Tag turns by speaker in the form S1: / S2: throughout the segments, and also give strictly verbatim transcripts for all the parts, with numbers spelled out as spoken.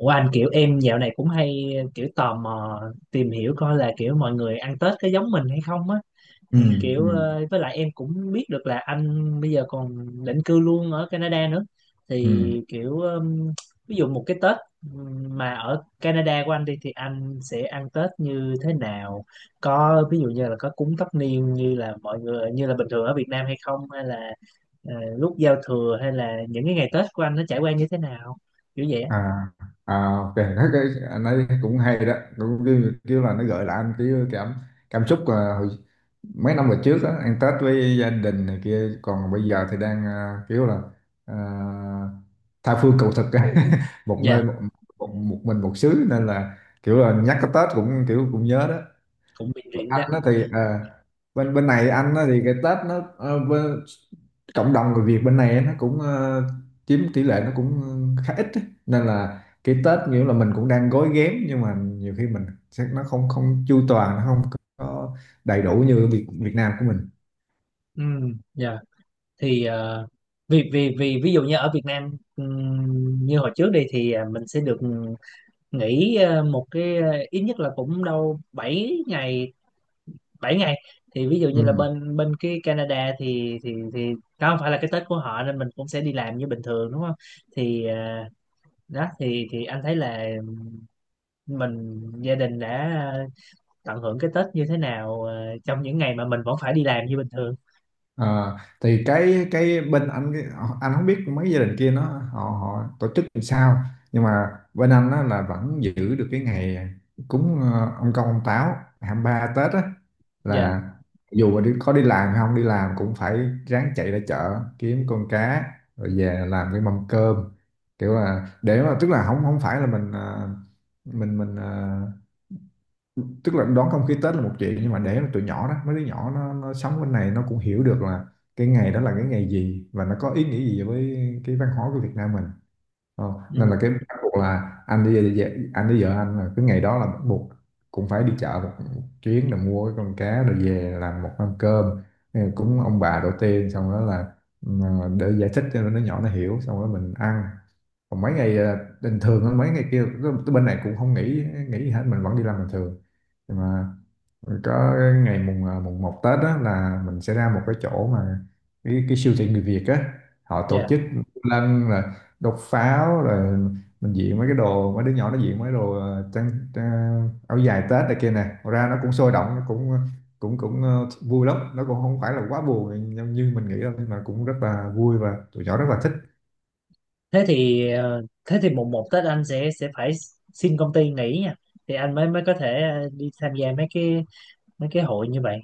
S1: Ủa anh, kiểu em dạo này cũng hay kiểu tò mò tìm hiểu coi là kiểu mọi người ăn Tết có giống mình hay không á.
S2: ừ
S1: Thì
S2: ừ
S1: kiểu ờ, với lại em cũng biết được là anh bây giờ còn định cư luôn ở Canada nữa. Thì
S2: ừ
S1: kiểu ừm, ví dụ một cái Tết ừm, mà ở Canada của anh đi thì anh sẽ ăn Tết như thế nào? Có ví dụ như là có cúng tất niên như là mọi người như là bình thường ở Việt Nam hay không, hay là ờ, lúc giao thừa hay là những cái ngày Tết của anh nó trải qua như thế nào, kiểu vậy á?
S2: à à ok, thấy cái anh ấy cũng hay đó, cũng kiểu, kiểu là nó gợi lại anh cái cảm cảm xúc à, hồi, mấy năm về trước á, ăn Tết với gia đình này kia, còn bây giờ thì đang à, kiểu là à, tha phương cầu thực á. một nơi
S1: Dạ.
S2: một, một, một mình một xứ, nên là kiểu là nhắc cái Tết cũng kiểu cũng nhớ đó.
S1: Cũng bị rỉ
S2: Anh
S1: đấy.
S2: đó thì à, bên bên này anh á, thì cái Tết nó ờ, bên, cộng đồng người Việt bên này nó cũng ờ, chiếm tỷ lệ nó cũng ờ, khá ít ấy. Nên là cái Tết nghĩa là mình cũng đang gói ghém, nhưng mà nhiều khi mình sẽ nó không không chu toàn, nó không có đầy đủ như Việt Việt Nam của mình.
S1: Ừ. Dạ. Thì ờ, vì vì vì ví dụ như ở Việt Nam ừm, như hồi trước đi thì à, mình sẽ được nghỉ ờ, một cái ờ, ít nhất là cũng đâu bảy ngày, bảy ngày. Thì ví dụ như là
S2: Ừ.
S1: bên bên cái Canada thì thì thì đó không phải là cái Tết của họ nên mình cũng sẽ đi làm như bình thường đúng không? Thì ờ, đó thì thì anh thấy là mình gia đình đã ờ, tận hưởng cái Tết như thế nào ờ, trong những ngày mà mình vẫn phải đi làm như bình thường.
S2: Ờ, thì cái cái bên anh cái, anh không biết mấy gia đình kia nó họ họ tổ chức làm sao, nhưng mà bên anh á, là vẫn giữ được cái ngày cúng ờ, ông công ông táo hai mươi ba Tết á,
S1: Dạ.
S2: là dù mà đi, có đi làm hay không đi làm cũng phải ráng chạy ra chợ kiếm con cá rồi về làm cái mâm cơm, kiểu là để mà tức là không không phải là mình ờ, mình mình ờ, tức là đón không khí Tết là một chuyện, nhưng mà để mà tụi nhỏ đó, mấy đứa nhỏ nó, nó sống bên này nó cũng hiểu được là cái ngày đó là cái ngày gì và nó có ý nghĩa gì với cái văn hóa của Việt Nam mình. Ờ, nên là
S1: Ừ.
S2: cái bắt buộc là anh đi anh đi vợ anh là cái ngày đó là bắt buộc cũng phải đi chợ một chuyến để mua cái con cá rồi về làm một mâm cơm cúng ông bà đầu tiên, xong đó là ừ, để giải thích cho nó, nhỏ nó hiểu, xong đó mình ăn. Còn mấy ngày ờ, bình thường hơn, mấy ngày kia cái cái bên này cũng không nghỉ nghỉ gì hết, mình vẫn đi làm bình thường, nhưng mà có ngày mùng ờ, mùng một Tết đó là mình sẽ ra một cái chỗ mà cái, cái siêu thị người Việt á, họ tổ
S1: Dạ.
S2: chức lân, là đốt pháo rồi mình diện mấy cái đồ, mấy đứa nhỏ nó diện mấy đồ ờ, trang, trang áo dài Tết này kia nè, ra nó cũng sôi động, nó cũng cũng cũng ờ, vui lắm, nó cũng không phải là quá buồn nhưng như mình nghĩ đâu, nhưng mà cũng rất là vui và tụi nhỏ rất là thích.
S1: Thế thì ờ, thế thì mùng một Tết anh sẽ sẽ phải xin công ty nghỉ nha, thì anh mới mới có thể ờ, đi tham gia mấy cái mấy cái hội như vậy.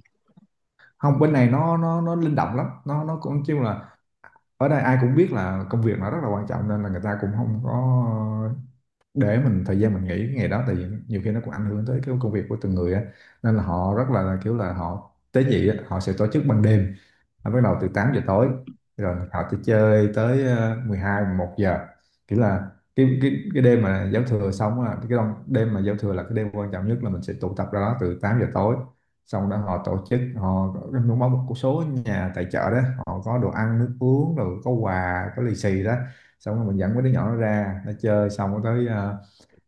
S2: Không, bên này nó nó nó linh động lắm, nó nó cũng chung là ở đây ai cũng biết là công việc nó rất là quan trọng, nên là người ta cũng không có để mình thời gian mình nghỉ cái ngày đó, tại vì nhiều khi nó cũng ảnh hưởng tới cái công việc của từng người á. Nên là họ rất là kiểu là họ tế nhị á, họ sẽ tổ chức ban đêm, nó bắt đầu từ tám giờ tối, rồi họ sẽ chơi tới ờ, mười hai một giờ, kiểu là cái cái cái đêm mà giao thừa xong á, cái đông- đêm mà giao thừa là cái đêm quan trọng nhất, là mình sẽ tụ tập ra đó từ tám giờ tối. Xong đó họ tổ chức, họ có có một số nhà tài trợ đó, họ có đồ ăn nước uống, rồi có quà có lì xì đó, xong rồi mình dẫn mấy đứa nhỏ nó ra nó chơi, xong rồi tới ờ,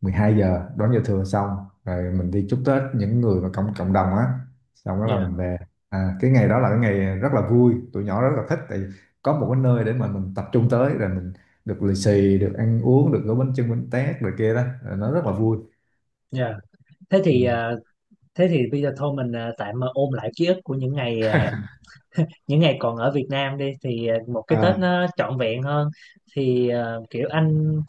S2: mười hai giờ đón giao thừa xong, rồi mình đi chúc Tết những người mà cộng cộng đồng á, xong đó là
S1: Dạ,
S2: mình về. À, cái ngày đó là cái ngày rất là vui, tụi nhỏ rất là thích tại vì có một cái nơi để mà mình tập trung tới, rồi mình được lì xì, được ăn uống, được gói bánh chưng bánh tét rồi kia đó, rồi nó rất là vui.
S1: dạ. thế
S2: Ừ.
S1: thì ờ, thế thì bây giờ thôi mình ờ, tạm ờ, ôn lại ký ức của những ngày ờ, những ngày còn ở Việt Nam đi thì ờ, một cái Tết
S2: À.
S1: nó trọn vẹn hơn. Thì ờ, kiểu anh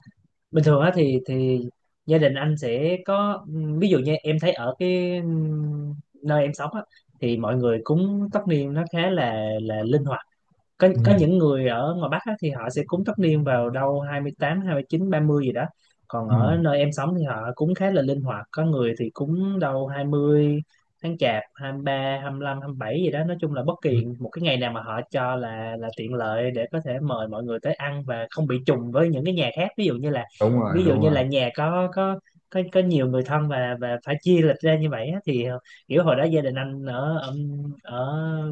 S1: bình thường á thì thì gia đình anh sẽ có. Ví dụ như em thấy ở cái ừm, nơi em sống á, thì mọi người cúng tất niên nó khá là là linh hoạt. có
S2: Ừ.
S1: có những người ở ngoài Bắc á, thì họ sẽ cúng tất niên vào đâu hai mươi tám, hai mươi chín, ba mươi gì đó. Còn
S2: Ừ.
S1: ở nơi em sống thì họ cúng khá là linh hoạt, có người thì cúng đâu hai mươi tháng Chạp, hai mươi ba, hai mươi lăm, hai mươi bảy gì đó, nói chung là bất
S2: Ừ.
S1: kỳ một cái ngày nào mà họ cho là là tiện lợi để có thể mời mọi người tới ăn và không bị trùng với những cái nhà khác, ví dụ như là,
S2: Đúng rồi,
S1: ví dụ
S2: đúng
S1: như
S2: rồi.
S1: là nhà có có có có nhiều người thân và và phải chia lịch ra như vậy á, thì kiểu hồi đó gia đình anh ở ở, ở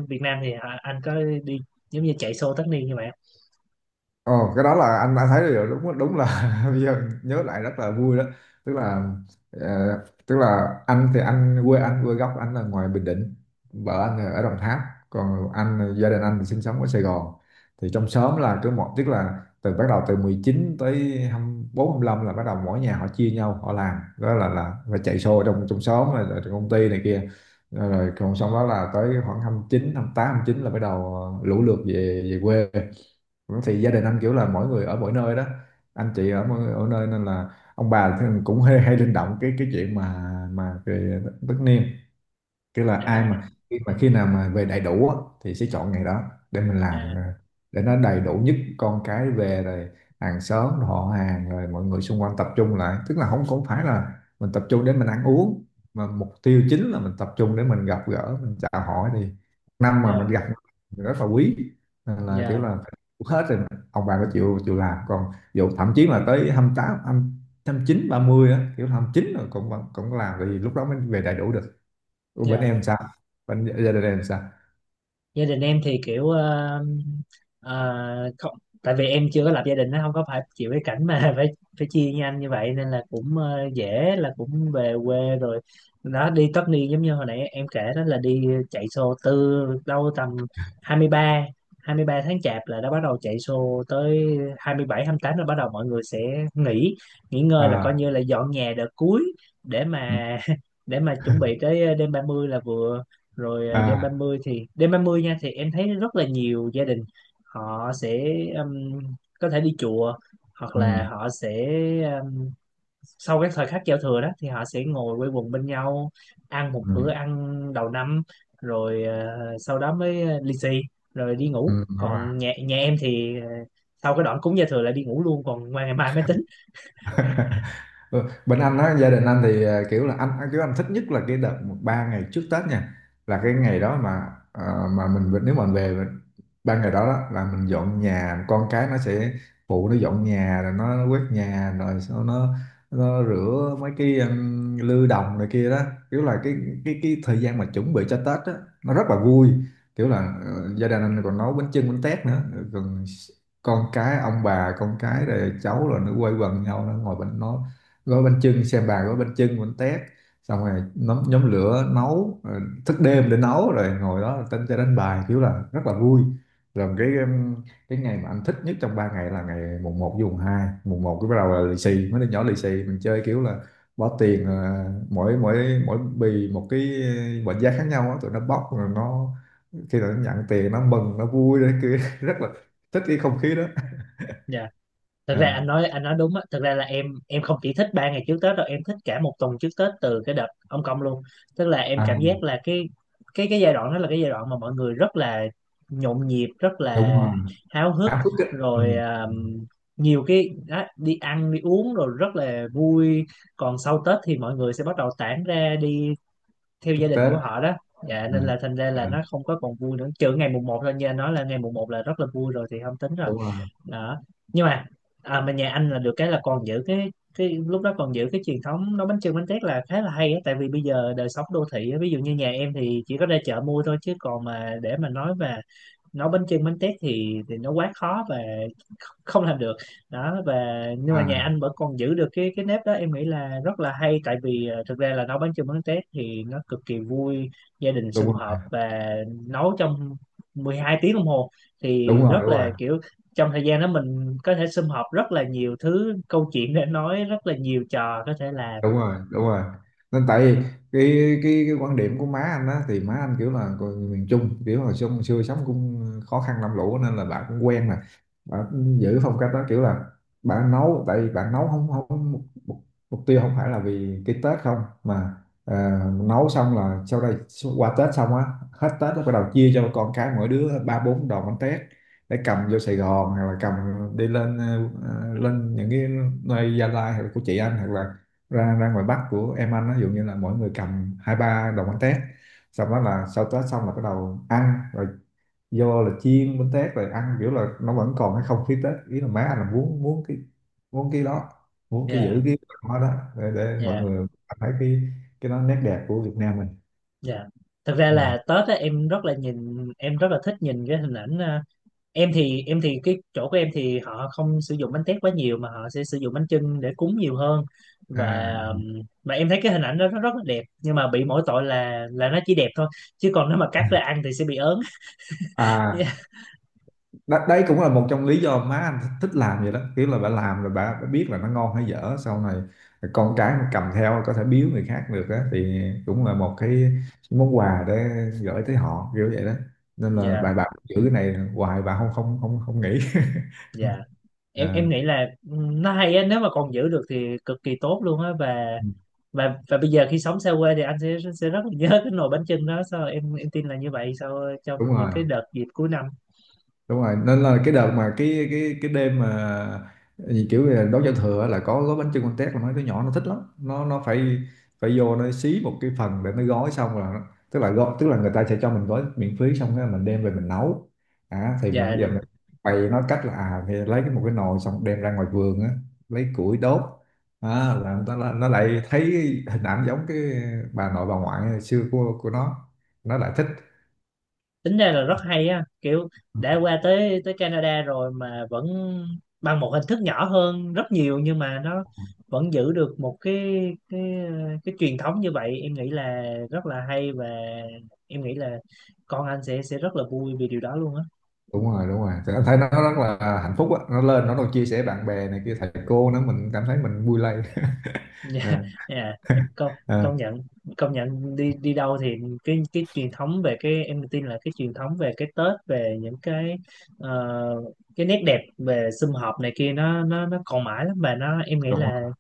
S1: Việt Nam thì họ- anh có đi giống như chạy xô tất niên như vậy không?
S2: Ồ, cái đó là anh anh thấy được, đúng đúng là, bây giờ nhớ lại rất là vui đó. Tức là ờ, tức là anh thì anh quê anh quê gốc anh là ngoài Bình Định, vợ anh là ở Đồng Tháp, còn anh gia đình anh thì sinh sống ở Sài Gòn. Thì trong xóm là cứ một, tức là từ bắt đầu từ mười chín tới hai mươi bốn hai lăm là bắt đầu mỗi nhà họ chia nhau họ làm đó, là là phải chạy xô trong trong xóm rồi, rồi trong công ty này kia. Ờ, rồi còn xong đó là tới khoảng hai mươi chín hai mươi tám hai mươi chín là bắt đầu lũ lượt về về quê. Thì gia đình anh kiểu là mỗi người ở mỗi nơi đó, anh chị ở mỗi, ở nơi, nên là ông bà thì cũng hay, hay linh động cái cái chuyện mà mà về tất niên, tức là
S1: À.
S2: ai mà khi mà khi nào mà về đầy đủ á, thì sẽ chọn ngày đó để mình làm,
S1: À.
S2: ờ, để nó đầy đủ nhất con cái về rồi hàng xóm rồi họ hàng rồi mọi người xung quanh tập trung lại, tức là không không phải là mình tập trung để mình ăn uống, mà mục tiêu chính là mình tập trung để mình gặp gỡ mình chào hỏi, thì năm mà mình
S1: Yeah,
S2: gặp thì rất là quý. Nên là kiểu
S1: yeah,
S2: là phải đủ hết rồi ông bà có chịu chịu làm, còn dù thậm chí là tới hai hai mươi mươi tám, hai mươi chín, ba mươi á, kiểu hai mươi chín rồi cũng vẫn- cũng làm, vì lúc đó mới về đầy đủ được. Ủa, bên
S1: yeah.
S2: em sao? Bên gia đình em sao?
S1: Gia đình em thì kiểu ờ, ờ, không, tại vì em chưa có lập gia đình nó không có phải chịu cái cảnh mà phải phải chia với anh như vậy nên là cũng ờ, dễ là cũng về quê rồi. Đó, đi tất niên giống như hồi nãy em kể đó là đi chạy xô từ đâu tầm hai hai mươi ba hai mươi ba tháng chạp là đã bắt đầu chạy xô tới hai hai mươi bảy, hai mươi tám là bắt đầu mọi người sẽ nghỉ nghỉ ngơi là coi
S2: À.
S1: như là dọn nhà đợt cuối để
S2: Ừ.
S1: mà để mà chuẩn bị tới đêm ba mươi là vừa. Rồi à,
S2: Ừ.
S1: đêm
S2: À.
S1: ba mươi thì đêm ba mươi nha, thì em thấy rất là nhiều gia đình họ sẽ um, có thể đi chùa hoặc là
S2: Ừ.
S1: họ sẽ um, sau cái thời khắc giao thừa đó thì họ sẽ ngồi quây quần bên nhau ăn một
S2: Ừ.
S1: bữa ăn đầu năm rồi à, sau đó mới à, lì xì rồi đi ngủ.
S2: Ừ. Đúng rồi.
S1: Còn nhà nhà em thì à, sau cái đoạn cúng giao thừa là đi ngủ luôn, còn qua ngày mai mới tính.
S2: Ừ, bên anh á gia đình anh thì ờ, kiểu là anh anh- kiểu anh thích nhất là cái đợt ba ngày trước Tết nha, là cái ngày đó mà ờ, mà mình về- nếu mà mình về mình- ba ngày đó, đó là mình dọn nhà, con cái nó sẽ phụ nó dọn nhà rồi nó quét nhà rồi sau nó nó rửa mấy cái um, lư đồng này kia đó, kiểu là cái cái cái thời gian mà chuẩn bị cho Tết á nó rất là vui, kiểu là ờ, gia đình anh còn nấu bánh chưng bánh tét nữa, còn con cái ông bà con cái rồi cháu rồi nó quây quần nhau, nó ngồi bên nó gói bánh chưng xem bà gói bánh chưng bánh tét, xong rồi nhóm, nhóm lửa nấu rồi thức đêm để nấu, rồi ngồi đó tính cho đánh bài kiểu là rất là vui. Rồi cái um, cái ngày mà anh thích nhất trong ba ngày là ngày mùng một với mùng hai. Mùng một cái bắt đầu là lì xì mấy đứa nhỏ, lì xì mình chơi kiểu là bỏ tiền ờ, mỗi mỗi mỗi bì một cái mệnh giá khác nhau á, tụi nó bóc rồi nó, khi nào nó nhận tiền nó mừng nó vui đấy cứ rất là thích cái không khí đó.
S1: Dạ. Thực ra
S2: À.
S1: anh nói anh nói đúng á, thực ra là em em không chỉ thích ba ngày trước Tết đâu, em thích cả một tuần trước Tết từ cái đợt ông Công luôn. Tức là em
S2: À.
S1: cảm giác là cái cái cái giai đoạn đó là cái giai đoạn mà mọi người rất là nhộn nhịp, rất
S2: Đúng
S1: là
S2: rồi.
S1: háo hức.
S2: Háo hức á.
S1: Rồi
S2: Ừ.
S1: um, nhiều cái đó, đi ăn đi uống rồi rất là vui. Còn sau Tết thì mọi người sẽ bắt đầu tản ra đi theo
S2: Chúc
S1: gia đình
S2: Tết.
S1: của họ đó. Dạ, nên
S2: À.
S1: là thành ra là nó
S2: À.
S1: không có còn vui nữa trừ ngày mùng một thôi, như anh nói là ngày mùng một là rất là vui rồi thì không tính. Đó.
S2: Đúng rồi.
S1: Nhưng mà à, mà nhà anh là được cái là còn giữ cái cái lúc đó còn giữ cái truyền thống nấu bánh chưng bánh tét là khá là hay á, tại vì bây giờ đời sống đô thị á, ví dụ như nhà em thì chỉ có ra chợ mua thôi chứ còn mà để mà nói mà nấu bánh chưng bánh tét thì thì nó quá khó và không làm được. Đó. Và nhưng mà nhà
S2: À.
S1: anh vẫn còn giữ được cái cái nếp đó, em nghĩ là rất là hay, tại vì ờ, thực ra là nấu bánh chưng bánh tét thì nó cực kỳ vui, gia đình
S2: Đúng
S1: sum họp
S2: rồi,
S1: và nấu trong mười hai tiếng đồng hồ
S2: đúng
S1: thì
S2: rồi.
S1: rất
S2: Đúng
S1: là
S2: rồi,
S1: kiểu trong thời gian đó mình có thể sum họp rất là nhiều thứ, câu chuyện để nói rất là nhiều, trò có thể làm.
S2: đúng rồi, đúng rồi. Nên tại vì cái cái cái quan điểm của má anh á thì má anh kiểu là người miền Trung, kiểu hồi xưa, hồi xưa sống cũng khó khăn làm lũ nên là bà cũng quen mà, bà cũng giữ phong cách đó, kiểu là bà nấu, tại vì bà nấu không không mục, mục mục tiêu không phải là vì cái Tết không, mà à, nấu xong là sau đây qua Tết xong á, hết Tết nó bắt đầu chia cho con cái mỗi đứa ba bốn đòn bánh tét để cầm vô Sài Gòn, hoặc là cầm đi lên ờ, ờ, lên những cái nơi Gia Lai, hoặc là của chị anh, hoặc là ra ra ngoài Bắc của em anh á, ví dụ như là mỗi người cầm hai ba đồng bánh tét, xong đó là sau Tết xong là bắt đầu ăn rồi, vô là chiên bánh tét rồi ăn, kiểu là nó vẫn còn cái không khí Tết, ý là má anh là muốn muốn cái muốn cái đó, muốn cái
S1: Dạ.
S2: giữ cái đó đó, để, để mọi
S1: Dạ.
S2: người thấy cái cái đó, nét đẹp của Việt Nam mình.
S1: Dạ. Thực ra
S2: Dạ.
S1: là Tết á, em rất là nhìn em rất là thích nhìn cái hình ảnh ờ, em thì em thì cái chỗ của em thì họ không sử dụng bánh tét quá nhiều mà họ sẽ sử dụng bánh chưng để cúng nhiều hơn. Và
S2: À.
S1: um, mà em thấy cái hình ảnh đó nó rất là đẹp, nhưng mà bị mỗi tội là là nó chỉ đẹp thôi, chứ còn nếu mà cắt ra ăn thì sẽ bị ớn.
S2: À. Đ- đấy cũng là một trong lý do má anh thích, thích làm vậy đó, kiểu là bà làm rồi bà, bà biết là nó ngon hay dở, sau này con cái nó cầm theo có thể biếu người khác được á, thì cũng là một cái món quà để gửi tới họ kiểu vậy đó. Nên là
S1: Dạ.
S2: bà bà giữ cái này hoài, bà không không không không nghĩ.
S1: Dạ. em
S2: À.
S1: em nghĩ là ừm, nó hay á, nếu mà còn giữ được thì cực kỳ tốt luôn á. Và
S2: Ừ.
S1: và và bây giờ khi sống xa quê thì anh sẽ sẽ rất là nhớ cái nồi bánh chưng đó sao, em em tin là như vậy sau
S2: Đúng
S1: trong những
S2: rồi,
S1: cái đợt dịp cuối năm.
S2: đúng rồi, nên là cái đợt mà cái cái cái đêm mà gì kiểu là đón giao thừa là có gói bánh chưng con tét, là mấy đứa nhỏ nó thích lắm, nó nó phải phải vô nó xí một cái phần để nó gói, xong là nó- tức là gói, tức là người ta sẽ cho mình gói miễn phí, xong cái mình đem về mình nấu. À, thì bây
S1: Dạ
S2: giờ
S1: được.
S2: mình bày nó cách là à, thì lấy cái một cái nồi xong đem ra ngoài vườn á, lấy củi đốt. À, là nó, nó nó lại thấy hình ảnh giống cái bà nội bà ngoại xưa của của nó nó lại thích.
S1: Tính ra là rất hay á, kiểu đã qua tới tới Canada rồi mà vẫn bằng một hình thức nhỏ hơn rất nhiều nhưng mà nó vẫn giữ được một cái cái cái truyền thống như vậy, em nghĩ là rất là hay. Và em nghĩ là con anh sẽ sẽ rất là vui vì điều đó luôn á.
S2: Đúng rồi, đúng rồi. Thì anh thấy nó rất là hạnh phúc á, nó lên nó còn chia sẻ bạn bè này kia thầy cô nữa, mình cảm thấy mình vui lây.
S1: Dạ.
S2: Ờ,
S1: Dạ. công
S2: ờ,
S1: công nhận công nhận đi đi đâu thì cái cái truyền thống về cái em tin là cái truyền thống về cái Tết, về những cái ờ, cái nét đẹp về sum họp này kia nó nó nó còn mãi lắm mà nó em nghĩ
S2: đúng
S1: là
S2: rồi.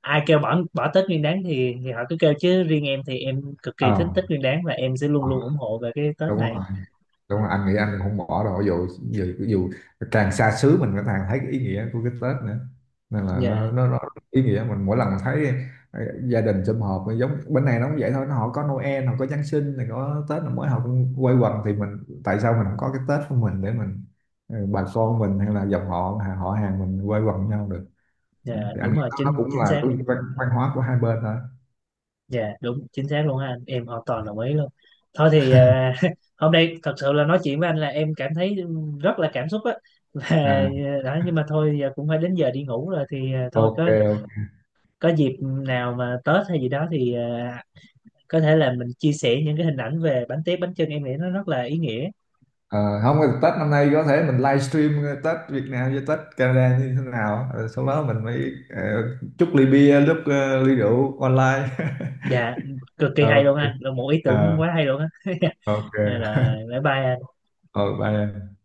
S1: ai kêu bỏ bỏ Tết Nguyên Đán thì thì họ cứ kêu, chứ riêng em thì em cực
S2: Ờ.
S1: kỳ thích Tết Nguyên Đán và em sẽ luôn luôn ủng hộ về cái Tết
S2: Đúng
S1: này.
S2: rồi, đúng rồi, anh nghĩ anh cũng không bỏ đâu, dù dù, dù càng xa xứ mình cũng càng thấy cái ý nghĩa của cái Tết nữa, nên là
S1: Dạ.
S2: nó nó, nó ý nghĩa. Mình mỗi lần mình thấy ờ, gia đình sum họp, giống bên này nó cũng vậy thôi, nó họ có Noel, họ có Giáng sinh này, có Tết là mỗi họ cũng quây quần, thì mình tại sao mình không có cái Tết của mình để mình ờ, bà con mình hay là dòng họ họ hàng mình quây quần với nhau được.
S1: Dạ
S2: Thì anh
S1: đúng
S2: nghĩ
S1: rồi,
S2: nó, nó
S1: chính
S2: cũng
S1: chính
S2: là
S1: xác
S2: cái
S1: luôn.
S2: văn, văn hóa của hai bên thôi.
S1: Dạ đúng chính xác luôn ha anh, em hoàn toàn đồng ý luôn. Thôi thì à, hôm nay thật sự là nói chuyện với anh là em cảm thấy rất là cảm xúc á. Và à,
S2: À,
S1: đó. Nhưng mà thôi giờ cũng phải đến giờ đi ngủ rồi thì à, thôi,
S2: ok,
S1: có
S2: ok.
S1: có dịp nào mà Tết hay gì đó thì à, có thể là mình chia sẻ những cái hình ảnh về bánh tét bánh chưng, em nghĩ nó rất là ý nghĩa.
S2: Ờ, không thì Tết năm nay có thể mình livestream ờ, Tết Việt Nam với Tết Canada như thế nào, rồi sau đó mình mới ờ, chúc ly bia, lúc ờ, ly rượu online.
S1: Dạ cực kỳ hay
S2: Ok.
S1: luôn anh, là một ý tưởng
S2: Ờ,
S1: quá hay luôn á. Dạ
S2: ok.
S1: rồi, bye bye anh.
S2: Ờ, bye em.